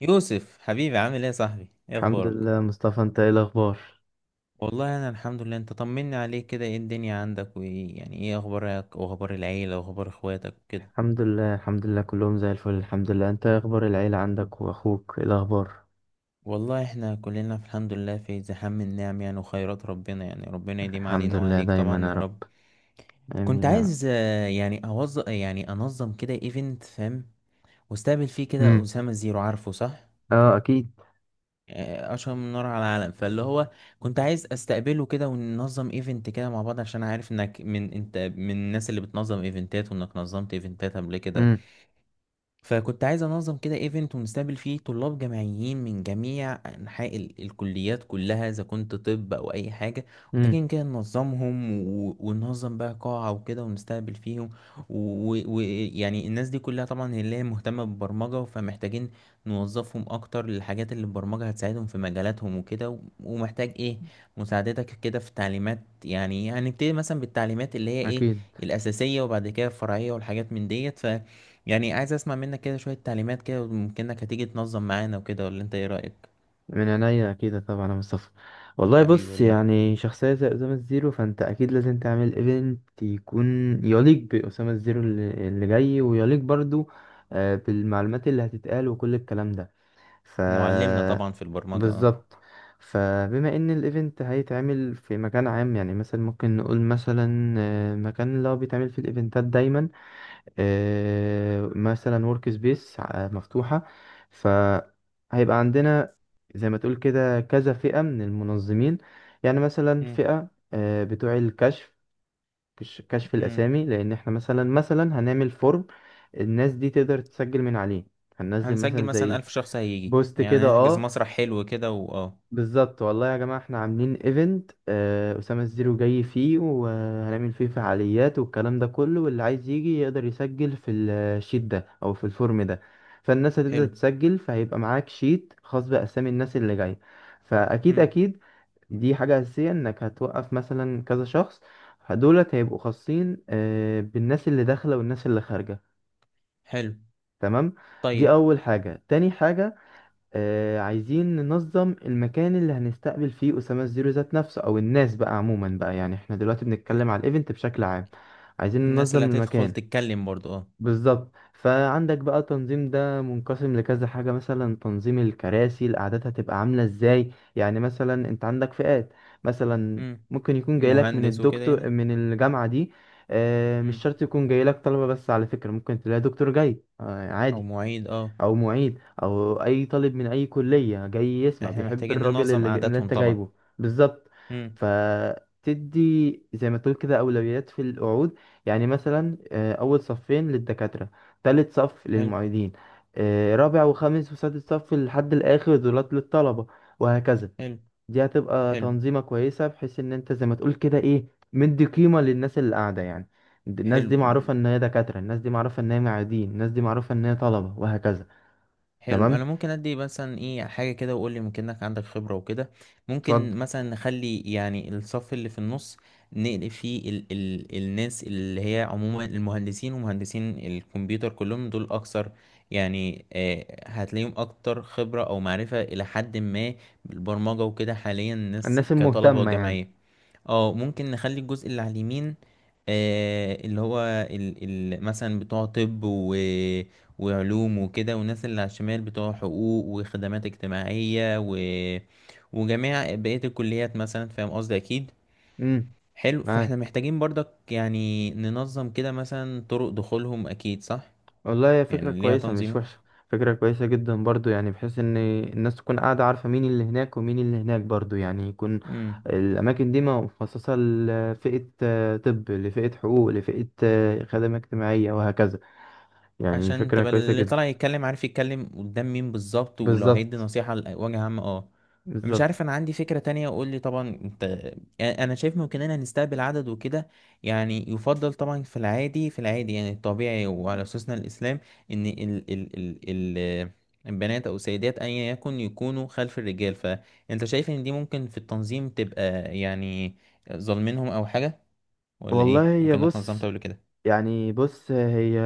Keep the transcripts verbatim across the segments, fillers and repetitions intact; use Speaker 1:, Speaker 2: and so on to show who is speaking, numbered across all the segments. Speaker 1: يوسف حبيبي، عامل ايه يا صاحبي؟ ايه
Speaker 2: الحمد
Speaker 1: اخبارك؟
Speaker 2: لله مصطفى، انت ايه الاخبار؟
Speaker 1: والله انا الحمد لله. انت طمني عليك كده، ايه الدنيا عندك؟ وايه يعني ايه اخبارك واخبار العيله واخبار اخواتك وكده؟
Speaker 2: الحمد لله الحمد لله كلهم زي الفل الحمد لله. انت ايه اخبار العيلة عندك، واخوك ايه الاخبار؟
Speaker 1: والله احنا كلنا في الحمد لله، في زحام النعم يعني وخيرات ربنا يعني ربنا يديم
Speaker 2: الحمد
Speaker 1: علينا
Speaker 2: لله
Speaker 1: وعليك
Speaker 2: دايما
Speaker 1: طبعا
Speaker 2: يا
Speaker 1: يا
Speaker 2: رب.
Speaker 1: رب. كنت
Speaker 2: امين يا رب.
Speaker 1: عايز آه، يعني اوظف يعني انظم كده ايفنت، فاهم؟ واستقبل فيه كده
Speaker 2: امم
Speaker 1: اسامه زيرو، عارفه؟ صح،
Speaker 2: اه، اكيد.
Speaker 1: آه، اشهر من نار على العالم، فاللي هو كنت عايز استقبله كده وننظم ايفنت كده مع بعض، عشان عارف انك من انت من الناس اللي بتنظم ايفنتات، وانك نظمت ايفنتات قبل كده.
Speaker 2: امم
Speaker 1: فكنت عايز انظم كده ايفنت ونستقبل فيه طلاب جامعيين من جميع انحاء ال- الكليات كلها، اذا كنت طب او اي حاجه.
Speaker 2: امم
Speaker 1: محتاجين كده ننظمهم و- وننظم بقى قاعه وكده ونستقبل فيهم. ويعني الناس دي كلها طبعا هي اللي هي مهتمه بالبرمجه، فمحتاجين نوظفهم اكتر للحاجات اللي البرمجه هتساعدهم في مجالاتهم وكده و- ومحتاج ايه مساعدتك كده في تعليمات. يعني هنبتدي مثلا بالتعليمات اللي هي ايه
Speaker 2: اكيد،
Speaker 1: الاساسيه، وبعد كده الفرعيه والحاجات من ديت. يعني عايز اسمع منك كده شوية تعليمات كده، وممكنك هتيجي تنظم معانا وكده، ولا انت ايه رأيك؟
Speaker 2: من عينيا، اكيد طبعا يا مصطفى. والله
Speaker 1: حبيبي
Speaker 2: بص،
Speaker 1: والله.
Speaker 2: يعني شخصية زي أسامة الزيرو فأنت أكيد لازم تعمل ايفنت يكون يليق بأسامة الزيرو اللي اللي جاي، ويليق برضو آه، بالمعلومات اللي هتتقال وكل الكلام ده. ف
Speaker 1: معلمنا طبعا في البرمجة اه.
Speaker 2: بالظبط. فبما ان الايفنت هيتعمل في مكان عام، يعني مثلا ممكن نقول مثلا آه، مكان اللي هو بيتعمل في الايفنتات دايما، آه، مثلا ورك سبيس مفتوحة. فهيبقى عندنا زي ما تقول كده كذا فئة من المنظمين، يعني مثلا
Speaker 1: مم.
Speaker 2: فئة آه، بتوع الكشف. كش- كشف
Speaker 1: مم.
Speaker 2: الأسامي، لأن احنا مثلا مثلا هنعمل فورم الناس دي تقدر تسجل من عليه. هننزل
Speaker 1: هنسجل
Speaker 2: مثلا
Speaker 1: مثلا
Speaker 2: زي
Speaker 1: ألف شخص هيجي،
Speaker 2: بوست كده،
Speaker 1: يعني نحجز
Speaker 2: اه
Speaker 1: مسرح حلو كده واه.
Speaker 2: بالظبط. والله يا جماعة احنا عاملين ايفنت آه أسامة الزيرو جاي فيه، وهنعمل فيه فعاليات والكلام ده كله، واللي عايز يجي يقدر يسجل في الشيت ده أو في الفورم ده. فالناس هتبدأ
Speaker 1: حلو.
Speaker 2: تسجل، فهيبقى معاك شيت خاص بأسامي الناس اللي جاية. فأكيد
Speaker 1: مم.
Speaker 2: أكيد دي حاجة أساسية، إنك هتوقف مثلا كذا شخص دولت هيبقوا خاصين آه، بالناس اللي داخلة والناس اللي خارجة.
Speaker 1: حلو.
Speaker 2: تمام. دي
Speaker 1: طيب.
Speaker 2: أول حاجة. تاني حاجة آه عايزين ننظم المكان اللي هنستقبل فيه أسامة الزيرو ذات نفسه، أو الناس بقى عموما بقى، يعني احنا دلوقتي بنتكلم على الإيفنت بشكل عام. عايزين
Speaker 1: الناس اللي
Speaker 2: ننظم
Speaker 1: هتدخل
Speaker 2: المكان.
Speaker 1: تتكلم برضو اه.
Speaker 2: بالظبط. فعندك بقى تنظيم ده منقسم لكذا حاجة، مثلا تنظيم الكراسي الأعداد هتبقى عاملة ازاي، يعني مثلا انت عندك فئات. مثلا
Speaker 1: مم.
Speaker 2: ممكن يكون جايلك من
Speaker 1: مهندس وكده
Speaker 2: الدكتور
Speaker 1: يعني.
Speaker 2: من الجامعة دي. آه مش
Speaker 1: مم.
Speaker 2: شرط يكون جايلك طلبة بس، على فكرة ممكن تلاقي دكتور جاي آه
Speaker 1: او
Speaker 2: عادي،
Speaker 1: معيد اه.
Speaker 2: او معيد، او اي طالب من اي كلية جاي يسمع
Speaker 1: احنا
Speaker 2: بيحب
Speaker 1: محتاجين
Speaker 2: الراجل
Speaker 1: ننظم
Speaker 2: اللي، ج- اللي
Speaker 1: قعداتهم
Speaker 2: انت
Speaker 1: طبعا.
Speaker 2: جايبه. بالظبط.
Speaker 1: مم.
Speaker 2: فتدي زي ما تقول كده اولويات في القعود، يعني مثلا آه، اول صفين للدكاترة، تالت صف
Speaker 1: حلو.
Speaker 2: للمعيدين، آه، رابع وخامس وسادس صف لحد الاخر دولات للطلبة، وهكذا.
Speaker 1: حلو.
Speaker 2: دي هتبقى
Speaker 1: حلو.
Speaker 2: تنظيمة كويسة، بحيث ان انت زي ما تقول كده ايه مدي قيمة للناس اللي قاعدة يعني. الناس
Speaker 1: حلو.
Speaker 2: دي معروفة ان هي دكاترة، الناس دي معروفة ان هي معيدين، الناس دي معروفة ان هي طلبة، وهكذا.
Speaker 1: حلو،
Speaker 2: تمام.
Speaker 1: انا ممكن ادي مثلا ايه حاجه كده وقول لي، ممكن انك عندك خبره وكده.
Speaker 2: اتفضل.
Speaker 1: ممكن مثلا نخلي يعني الصف اللي في النص نقل فيه ال ال الناس اللي هي عموما المهندسين ومهندسين الكمبيوتر، كلهم دول اكثر يعني آه هتلاقيهم اكتر خبره او معرفه الى حد ما بالبرمجه وكده حاليا، الناس
Speaker 2: الناس
Speaker 1: كطلبه
Speaker 2: المهتمة يعني.
Speaker 1: جامعيه. اه ممكن نخلي الجزء اللي على اليمين آه اللي هو ال ال مثلا بتوع طب وعلوم وكده، والناس اللي على الشمال بتوع حقوق وخدمات اجتماعية و... وجميع بقية الكليات مثلا، فاهم قصدي أكيد.
Speaker 2: امم
Speaker 1: حلو، فاحنا
Speaker 2: معاك.
Speaker 1: محتاجين برضك يعني ننظم كده مثلا طرق دخولهم، أكيد صح.
Speaker 2: والله هي فكرة
Speaker 1: يعني ليها
Speaker 2: كويسة مش
Speaker 1: تنظيمة
Speaker 2: وحشة. فكرة كويسة جدا برضو، يعني بحيث ان الناس تكون قاعدة عارفة مين اللي هناك ومين اللي هناك برضو، يعني يكون الأماكن دي مخصصة لفئة آه، طب، لفئة حقوق، لفئة آه، خدمة اجتماعية، وهكذا. يعني
Speaker 1: عشان
Speaker 2: فكرة
Speaker 1: تبقى
Speaker 2: كويسة
Speaker 1: اللي
Speaker 2: جدا.
Speaker 1: طالع يتكلم عارف يتكلم قدام مين بالظبط، ولو هيدي
Speaker 2: بالظبط.
Speaker 1: نصيحة لوجه عام اه. مش
Speaker 2: بالظبط.
Speaker 1: عارف، انا عندي فكرة تانية، اقول لي طبعا انت. انا شايف ممكننا نستقبل عدد وكده، يعني يفضل طبعا في العادي في العادي يعني الطبيعي، وعلى اساسنا الاسلام، ان ال ال ال ال البنات او السيدات ايا يكن يكونوا خلف الرجال. فانت شايف ان دي ممكن في التنظيم تبقى يعني ظالمينهم او حاجة، ولا ايه،
Speaker 2: والله هي
Speaker 1: ممكن انك نظمت
Speaker 2: بص،
Speaker 1: قبل كده.
Speaker 2: يعني بص هي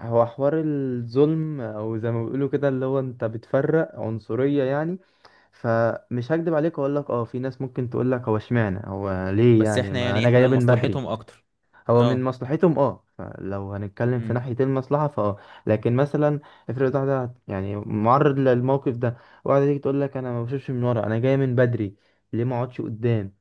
Speaker 2: هو حوار الظلم او زي ما بيقولوا كده اللي هو انت بتفرق عنصرية يعني. فمش هكدب عليك واقول لك اه في ناس ممكن تقول لك هو اشمعنى هو ليه
Speaker 1: بس
Speaker 2: يعني،
Speaker 1: احنا
Speaker 2: ما
Speaker 1: يعني
Speaker 2: انا
Speaker 1: احنا
Speaker 2: جايه من بدري.
Speaker 1: لمصلحتهم اكتر.
Speaker 2: هو من
Speaker 1: اه.
Speaker 2: مصلحتهم، اه فلو هنتكلم في
Speaker 1: امم.
Speaker 2: ناحية المصلحة فاه. لكن مثلا افرض واحدة يعني معرض للموقف ده، واحدة تيجي تقول لك انا ما بشوفش من ورا، انا جايه من بدري، ليه ما اقعدش قدام؟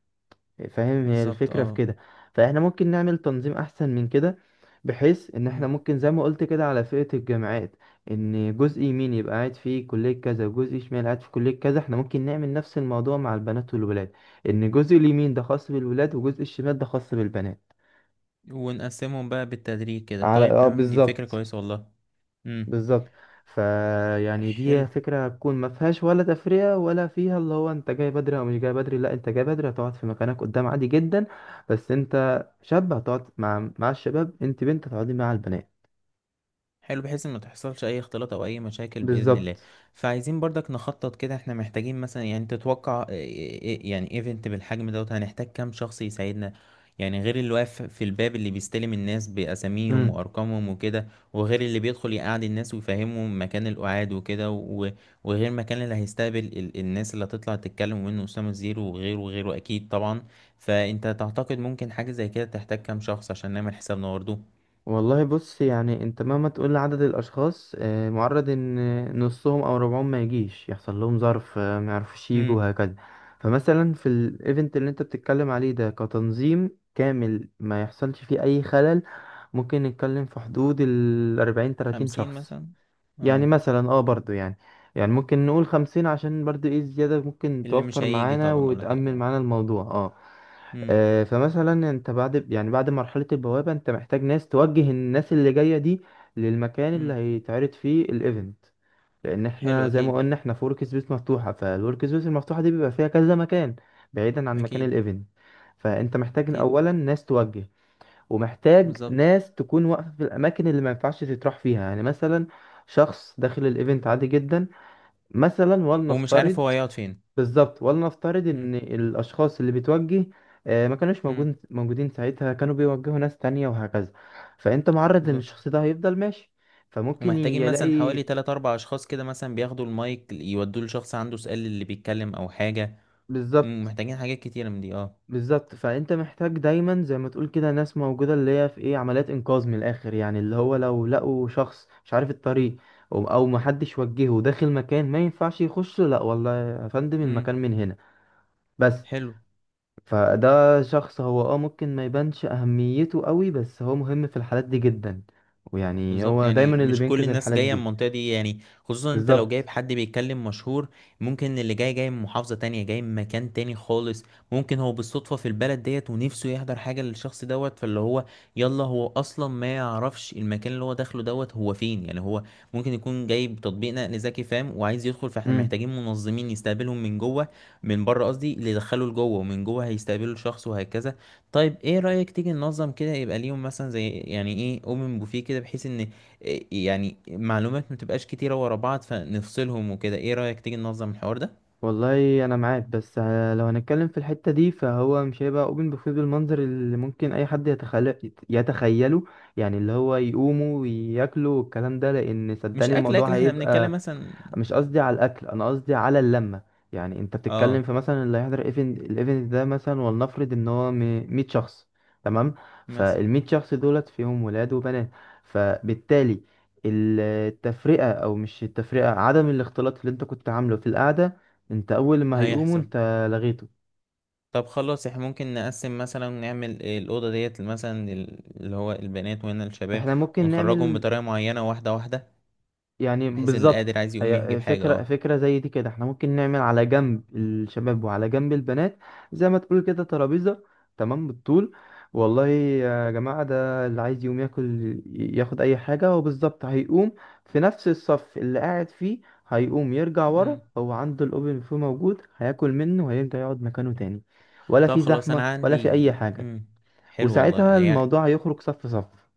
Speaker 2: فاهم هي
Speaker 1: بالظبط
Speaker 2: الفكرة في
Speaker 1: اه.
Speaker 2: كده. فاحنا ممكن نعمل تنظيم احسن من كده، بحيث ان احنا
Speaker 1: امم.
Speaker 2: ممكن زي ما قلت كده على فئة الجامعات، ان جزء يمين يبقى قاعد فيه كلية كذا وجزء شمال قاعد في كلية كذا، احنا ممكن نعمل نفس الموضوع مع البنات والولاد. ان جزء اليمين ده خاص بالولاد وجزء الشمال ده خاص بالبنات.
Speaker 1: ونقسمهم بقى بالتدريج كده،
Speaker 2: على
Speaker 1: طيب
Speaker 2: اه
Speaker 1: تمام، دي فكرة
Speaker 2: بالظبط.
Speaker 1: كويسة والله. امم.
Speaker 2: بالظبط. فيعني
Speaker 1: حلو.
Speaker 2: دي فكرة هتكون ما فيهاش ولا تفرقة ولا فيها اللي هو انت جاي بدري او مش جاي بدري، لا انت جاي بدري هتقعد في مكانك قدام عادي جدا. بس انت شاب هتقعد مع مع الشباب، انت بنت هتقعدي مع البنات.
Speaker 1: حلو، بحيث ان ما تحصلش اي اختلاط او اي مشاكل باذن الله.
Speaker 2: بالظبط.
Speaker 1: فعايزين برضك نخطط كده، احنا محتاجين مثلا يعني تتوقع إيه- إيه- إيه، يعني ايفنت بالحجم دوت هنحتاج كام شخص يساعدنا؟ يعني غير اللي واقف في الباب اللي بيستلم الناس باساميهم
Speaker 2: امم
Speaker 1: وارقامهم وكده، وغير اللي بيدخل يقعد الناس ويفهمهم مكان القعاد وكده و- وغير مكان اللي هيستقبل ال- الناس اللي هتطلع تتكلم منه اسامه الزيرو وغيره وغيره اكيد طبعا. فانت تعتقد ممكن حاجه زي كده تحتاج كام شخص عشان نعمل حسابنا؟
Speaker 2: والله بص،
Speaker 1: برضه.
Speaker 2: يعني انت مهما تقول لعدد الاشخاص آه، معرض ان نصهم او ربعهم ما يجيش، يحصل لهم ظرف آه، ما يعرفوش يجوا، وهكذا. فمثلا في الايفنت اللي انت بتتكلم عليه ده كتنظيم كامل ما يحصلش فيه اي خلل، ممكن نتكلم في حدود ال أربعين تلاتين
Speaker 1: خمسين
Speaker 2: شخص.
Speaker 1: مثلا.
Speaker 2: يعني
Speaker 1: اه.
Speaker 2: مثلا اه برضو يعني يعني ممكن نقول خمسين عشان برضو ايه زيادة ممكن
Speaker 1: اللي مش
Speaker 2: توفر
Speaker 1: هيجي
Speaker 2: معانا
Speaker 1: طبعا ولا حاجة
Speaker 2: وتأمن
Speaker 1: اه.
Speaker 2: معانا الموضوع اه.
Speaker 1: امم.
Speaker 2: آه، فمثلا انت بعد يعني بعد مرحلة البوابة انت محتاج ناس توجه الناس اللي جاية دي للمكان اللي
Speaker 1: امم.
Speaker 2: هيتعرض فيه الايفنت، لان احنا
Speaker 1: حلو.
Speaker 2: زي ما
Speaker 1: اكيد.
Speaker 2: قلنا احنا في ورك سبيس مفتوحة، فالورك سبيس المفتوحة دي بيبقى فيها كذا مكان بعيدا عن مكان
Speaker 1: اكيد.
Speaker 2: الايفنت. فانت محتاج
Speaker 1: اكيد.
Speaker 2: اولا ناس توجه، ومحتاج
Speaker 1: بالظبط.
Speaker 2: ناس تكون واقفة في الاماكن اللي ما ينفعش تتراح فيها، يعني مثلا شخص داخل الايفنت عادي جدا مثلا،
Speaker 1: ومش
Speaker 2: ولنفترض.
Speaker 1: عارف هو هيقعد فين.
Speaker 2: بالظبط. ولنفترض
Speaker 1: امم.
Speaker 2: ان الاشخاص اللي بتوجه آه، ما كانوش
Speaker 1: امم.
Speaker 2: موجود موجودين ساعتها، كانوا بيوجهوا ناس تانية وهكذا. فانت معرض ان
Speaker 1: بالظبط.
Speaker 2: الشخص ده هيفضل ماشي، فممكن ي-
Speaker 1: ومحتاجين مثلا
Speaker 2: يلاقي.
Speaker 1: حوالي تلات أربع أشخاص كده مثلا بياخدوا المايك يودوه لشخص عنده سؤال اللي بيتكلم أو حاجة. مم.
Speaker 2: بالظبط.
Speaker 1: محتاجين حاجات كتيرة من دي اه.
Speaker 2: بالظبط. فانت محتاج دايما زي ما تقول كده ناس موجودة اللي هي في ايه عمليات انقاذ من الاخر، يعني اللي هو لو لقوا شخص مش عارف الطريق او أو محدش وجهه داخل مكان ما ينفعش يخش، لا والله يا فندم المكان
Speaker 1: امم.
Speaker 2: من هنا بس.
Speaker 1: حلو.
Speaker 2: فده شخص هو اه ممكن ما يبانش اهميته قوي بس هو مهم في الحالات دي جدا، ويعني
Speaker 1: بالظبط،
Speaker 2: هو
Speaker 1: يعني
Speaker 2: دايما اللي
Speaker 1: مش كل
Speaker 2: بينقذ
Speaker 1: الناس
Speaker 2: الحالات
Speaker 1: جاية من
Speaker 2: دي.
Speaker 1: المنطقة دي يعني، خصوصا انت لو
Speaker 2: بالظبط.
Speaker 1: جايب حد بيتكلم مشهور. ممكن اللي جاي جاي من محافظة تانية جاي من مكان تاني خالص. ممكن هو بالصدفة في البلد ديت ونفسه يحضر حاجة للشخص دوت، فاللي هو يلا هو أصلا ما يعرفش المكان اللي هو داخله دوت هو فين يعني، هو ممكن يكون جايب تطبيق نقل ذكي فاهم وعايز يدخل، فاحنا
Speaker 2: امم
Speaker 1: محتاجين منظمين يستقبلهم من جوه، من بره قصدي، اللي يدخله لجوه ومن جوه هيستقبلوا الشخص وهكذا. طيب ايه رأيك تيجي ننظم كده يبقى ليهم مثلا زي يعني ايه اوبن بوفيه كده، بحيث ان إيه يعني معلومات ما تبقاش كتيرة ورا بعض فنفصلهم وكده، ايه رأيك تيجي ننظم الحوار ده؟
Speaker 2: والله انا معاك بس، آه، لو هنتكلم في الحتة دي فهو مش هيبقى اوبن بوفيه بالمنظر اللي ممكن اي حد يتخيل يتخيله، يعني اللي هو يقوموا وياكلوا والكلام ده لان
Speaker 1: مش
Speaker 2: صدقني
Speaker 1: اكل
Speaker 2: الموضوع
Speaker 1: اكل احنا بنتكلم
Speaker 2: هيبقى.
Speaker 1: مثلا
Speaker 2: مش قصدي على الاكل، انا قصدي على اللمه. يعني انت بتتكلم
Speaker 1: اه
Speaker 2: في مثلا اللي هيحضر ايفنت الايفنت ده مثلا ولنفرض ان هو م- مية شخص. تمام.
Speaker 1: مثلا.
Speaker 2: فال100 شخص دولت فيهم ولاد وبنات، فبالتالي التفرقه او مش التفرقه عدم الاختلاط اللي انت كنت عامله في القعده انت اول ما هيقوموا
Speaker 1: هيحصل.
Speaker 2: انت لغيته.
Speaker 1: طب خلاص احنا ممكن نقسم مثلا نعمل الأوضة ديت مثلا ال- اللي هو البنات وهنا الشباب،
Speaker 2: احنا ممكن
Speaker 1: ونخرجهم
Speaker 2: نعمل.
Speaker 1: بطريقة معينة واحدة واحدة،
Speaker 2: يعني
Speaker 1: بحيث اللي قادر
Speaker 2: بالظبط
Speaker 1: عايز يقوم يجيب
Speaker 2: هي
Speaker 1: حاجة
Speaker 2: فكرة
Speaker 1: اه.
Speaker 2: فكرة زي دي كده، احنا ممكن نعمل على جنب الشباب وعلى جنب البنات زي ما تقول كده ترابيزة. تمام بالطول. والله يا جماعة ده اللي عايز يقوم ياكل ياخد أي حاجة، وبالظبط هيقوم في نفس الصف اللي قاعد فيه، هيقوم يرجع ورا
Speaker 1: مم.
Speaker 2: هو عنده الأوبن فيه موجود، هياكل منه وهيرجع يقعد مكانه تاني. ولا
Speaker 1: طب
Speaker 2: في
Speaker 1: خلاص
Speaker 2: زحمة
Speaker 1: انا
Speaker 2: ولا في
Speaker 1: عندي.
Speaker 2: أي حاجة.
Speaker 1: مم. حلو والله
Speaker 2: وساعتها
Speaker 1: يعني،
Speaker 2: الموضوع هيخرج صف صف.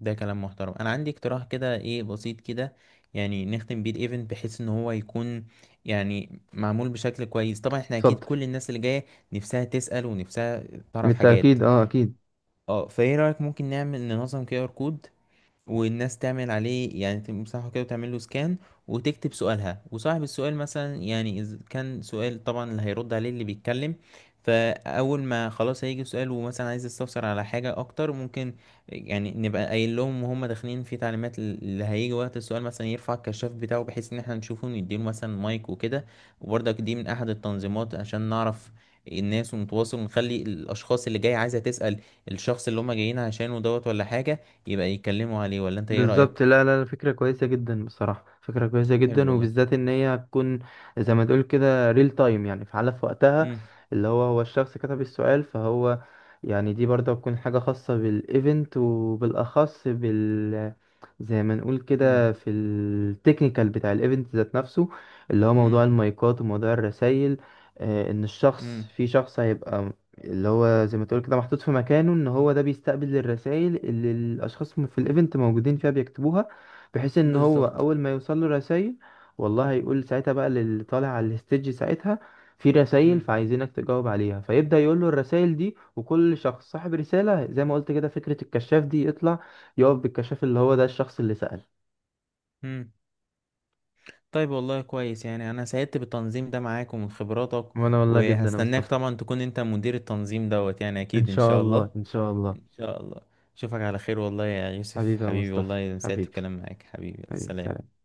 Speaker 1: ده كلام محترم. انا عندي اقتراح كده ايه بسيط كده، يعني نختم بيه الايفنت بحيث ان هو يكون يعني معمول بشكل كويس. طبعا احنا اكيد
Speaker 2: اتفضل.
Speaker 1: كل الناس اللي جايه نفسها تسأل ونفسها تعرف حاجات
Speaker 2: بالتأكيد اه أكيد.
Speaker 1: اه. فايه رأيك ممكن نعمل ننظم كي ار كود، والناس تعمل عليه يعني تمسحه كده وتعمل له سكان، وتكتب سؤالها، وصاحب السؤال مثلا يعني إذا كان سؤال طبعا اللي هيرد عليه اللي بيتكلم. فأول ما خلاص هيجي سؤال ومثلا عايز يستفسر على حاجة أكتر ممكن، يعني نبقى قايل لهم وهم داخلين في تعليمات اللي هيجي وقت السؤال مثلا يرفع الكشاف بتاعه بحيث إن احنا نشوفه ونديله مثلا مايك وكده. وبرضك دي من أحد التنظيمات، عشان نعرف الناس ونتواصل ونخلي الأشخاص اللي جاية عايزة تسأل الشخص اللي هم جايين عشانه دوت ولا حاجة، يبقى يتكلموا عليه، ولا انت ايه رأيك؟
Speaker 2: بالظبط لا لا لا، فكرة كويسة جدا بصراحة، فكرة كويسة
Speaker 1: حلو
Speaker 2: جدا
Speaker 1: والله.
Speaker 2: وبالذات ان هي هتكون زي ما تقول كده ريل تايم يعني فعالة في وقتها،
Speaker 1: امم.
Speaker 2: اللي هو هو الشخص كتب السؤال فهو. يعني دي برضه هتكون حاجة خاصة بالايفنت وبالاخص بال زي ما نقول
Speaker 1: امم.
Speaker 2: كده في التكنيكال بتاع الايفنت ذات نفسه، اللي هو موضوع
Speaker 1: امم.
Speaker 2: المايكات وموضوع الرسايل. آه، ان الشخص
Speaker 1: امم.
Speaker 2: في شخص هيبقى اللي هو زي ما تقول كده محطوط في مكانه، ان هو ده بيستقبل الرسائل اللي الاشخاص م- في الايفنت موجودين فيها بيكتبوها، بحيث ان هو
Speaker 1: بالظبط.
Speaker 2: اول ما يوصل له رسائل والله هيقول ساعتها بقى للي طالع على الستيج، ساعتها في رسائل
Speaker 1: امم.
Speaker 2: فعايزينك تجاوب عليها، فيبدأ يقول له الرسائل دي، وكل شخص صاحب رسالة زي ما قلت كده فكرة الكشاف دي يطلع يقف بالكشاف اللي هو ده الشخص اللي سأل.
Speaker 1: امم. طيب والله كويس، يعني انا سعدت بالتنظيم ده معاك ومن خبراتك.
Speaker 2: وانا والله جدا يا
Speaker 1: وهستناك
Speaker 2: مصطفى.
Speaker 1: طبعا تكون انت مدير التنظيم دوت يعني
Speaker 2: ان
Speaker 1: اكيد ان
Speaker 2: شاء
Speaker 1: شاء
Speaker 2: الله
Speaker 1: الله.
Speaker 2: ان شاء الله.
Speaker 1: ان شاء الله. اشوفك على خير والله يا يوسف
Speaker 2: حبيبي يا
Speaker 1: حبيبي،
Speaker 2: مصطفى
Speaker 1: والله سعدت
Speaker 2: حبيبي.
Speaker 1: بالكلام معاك حبيبي،
Speaker 2: حبيبي،
Speaker 1: سلام.
Speaker 2: سلام.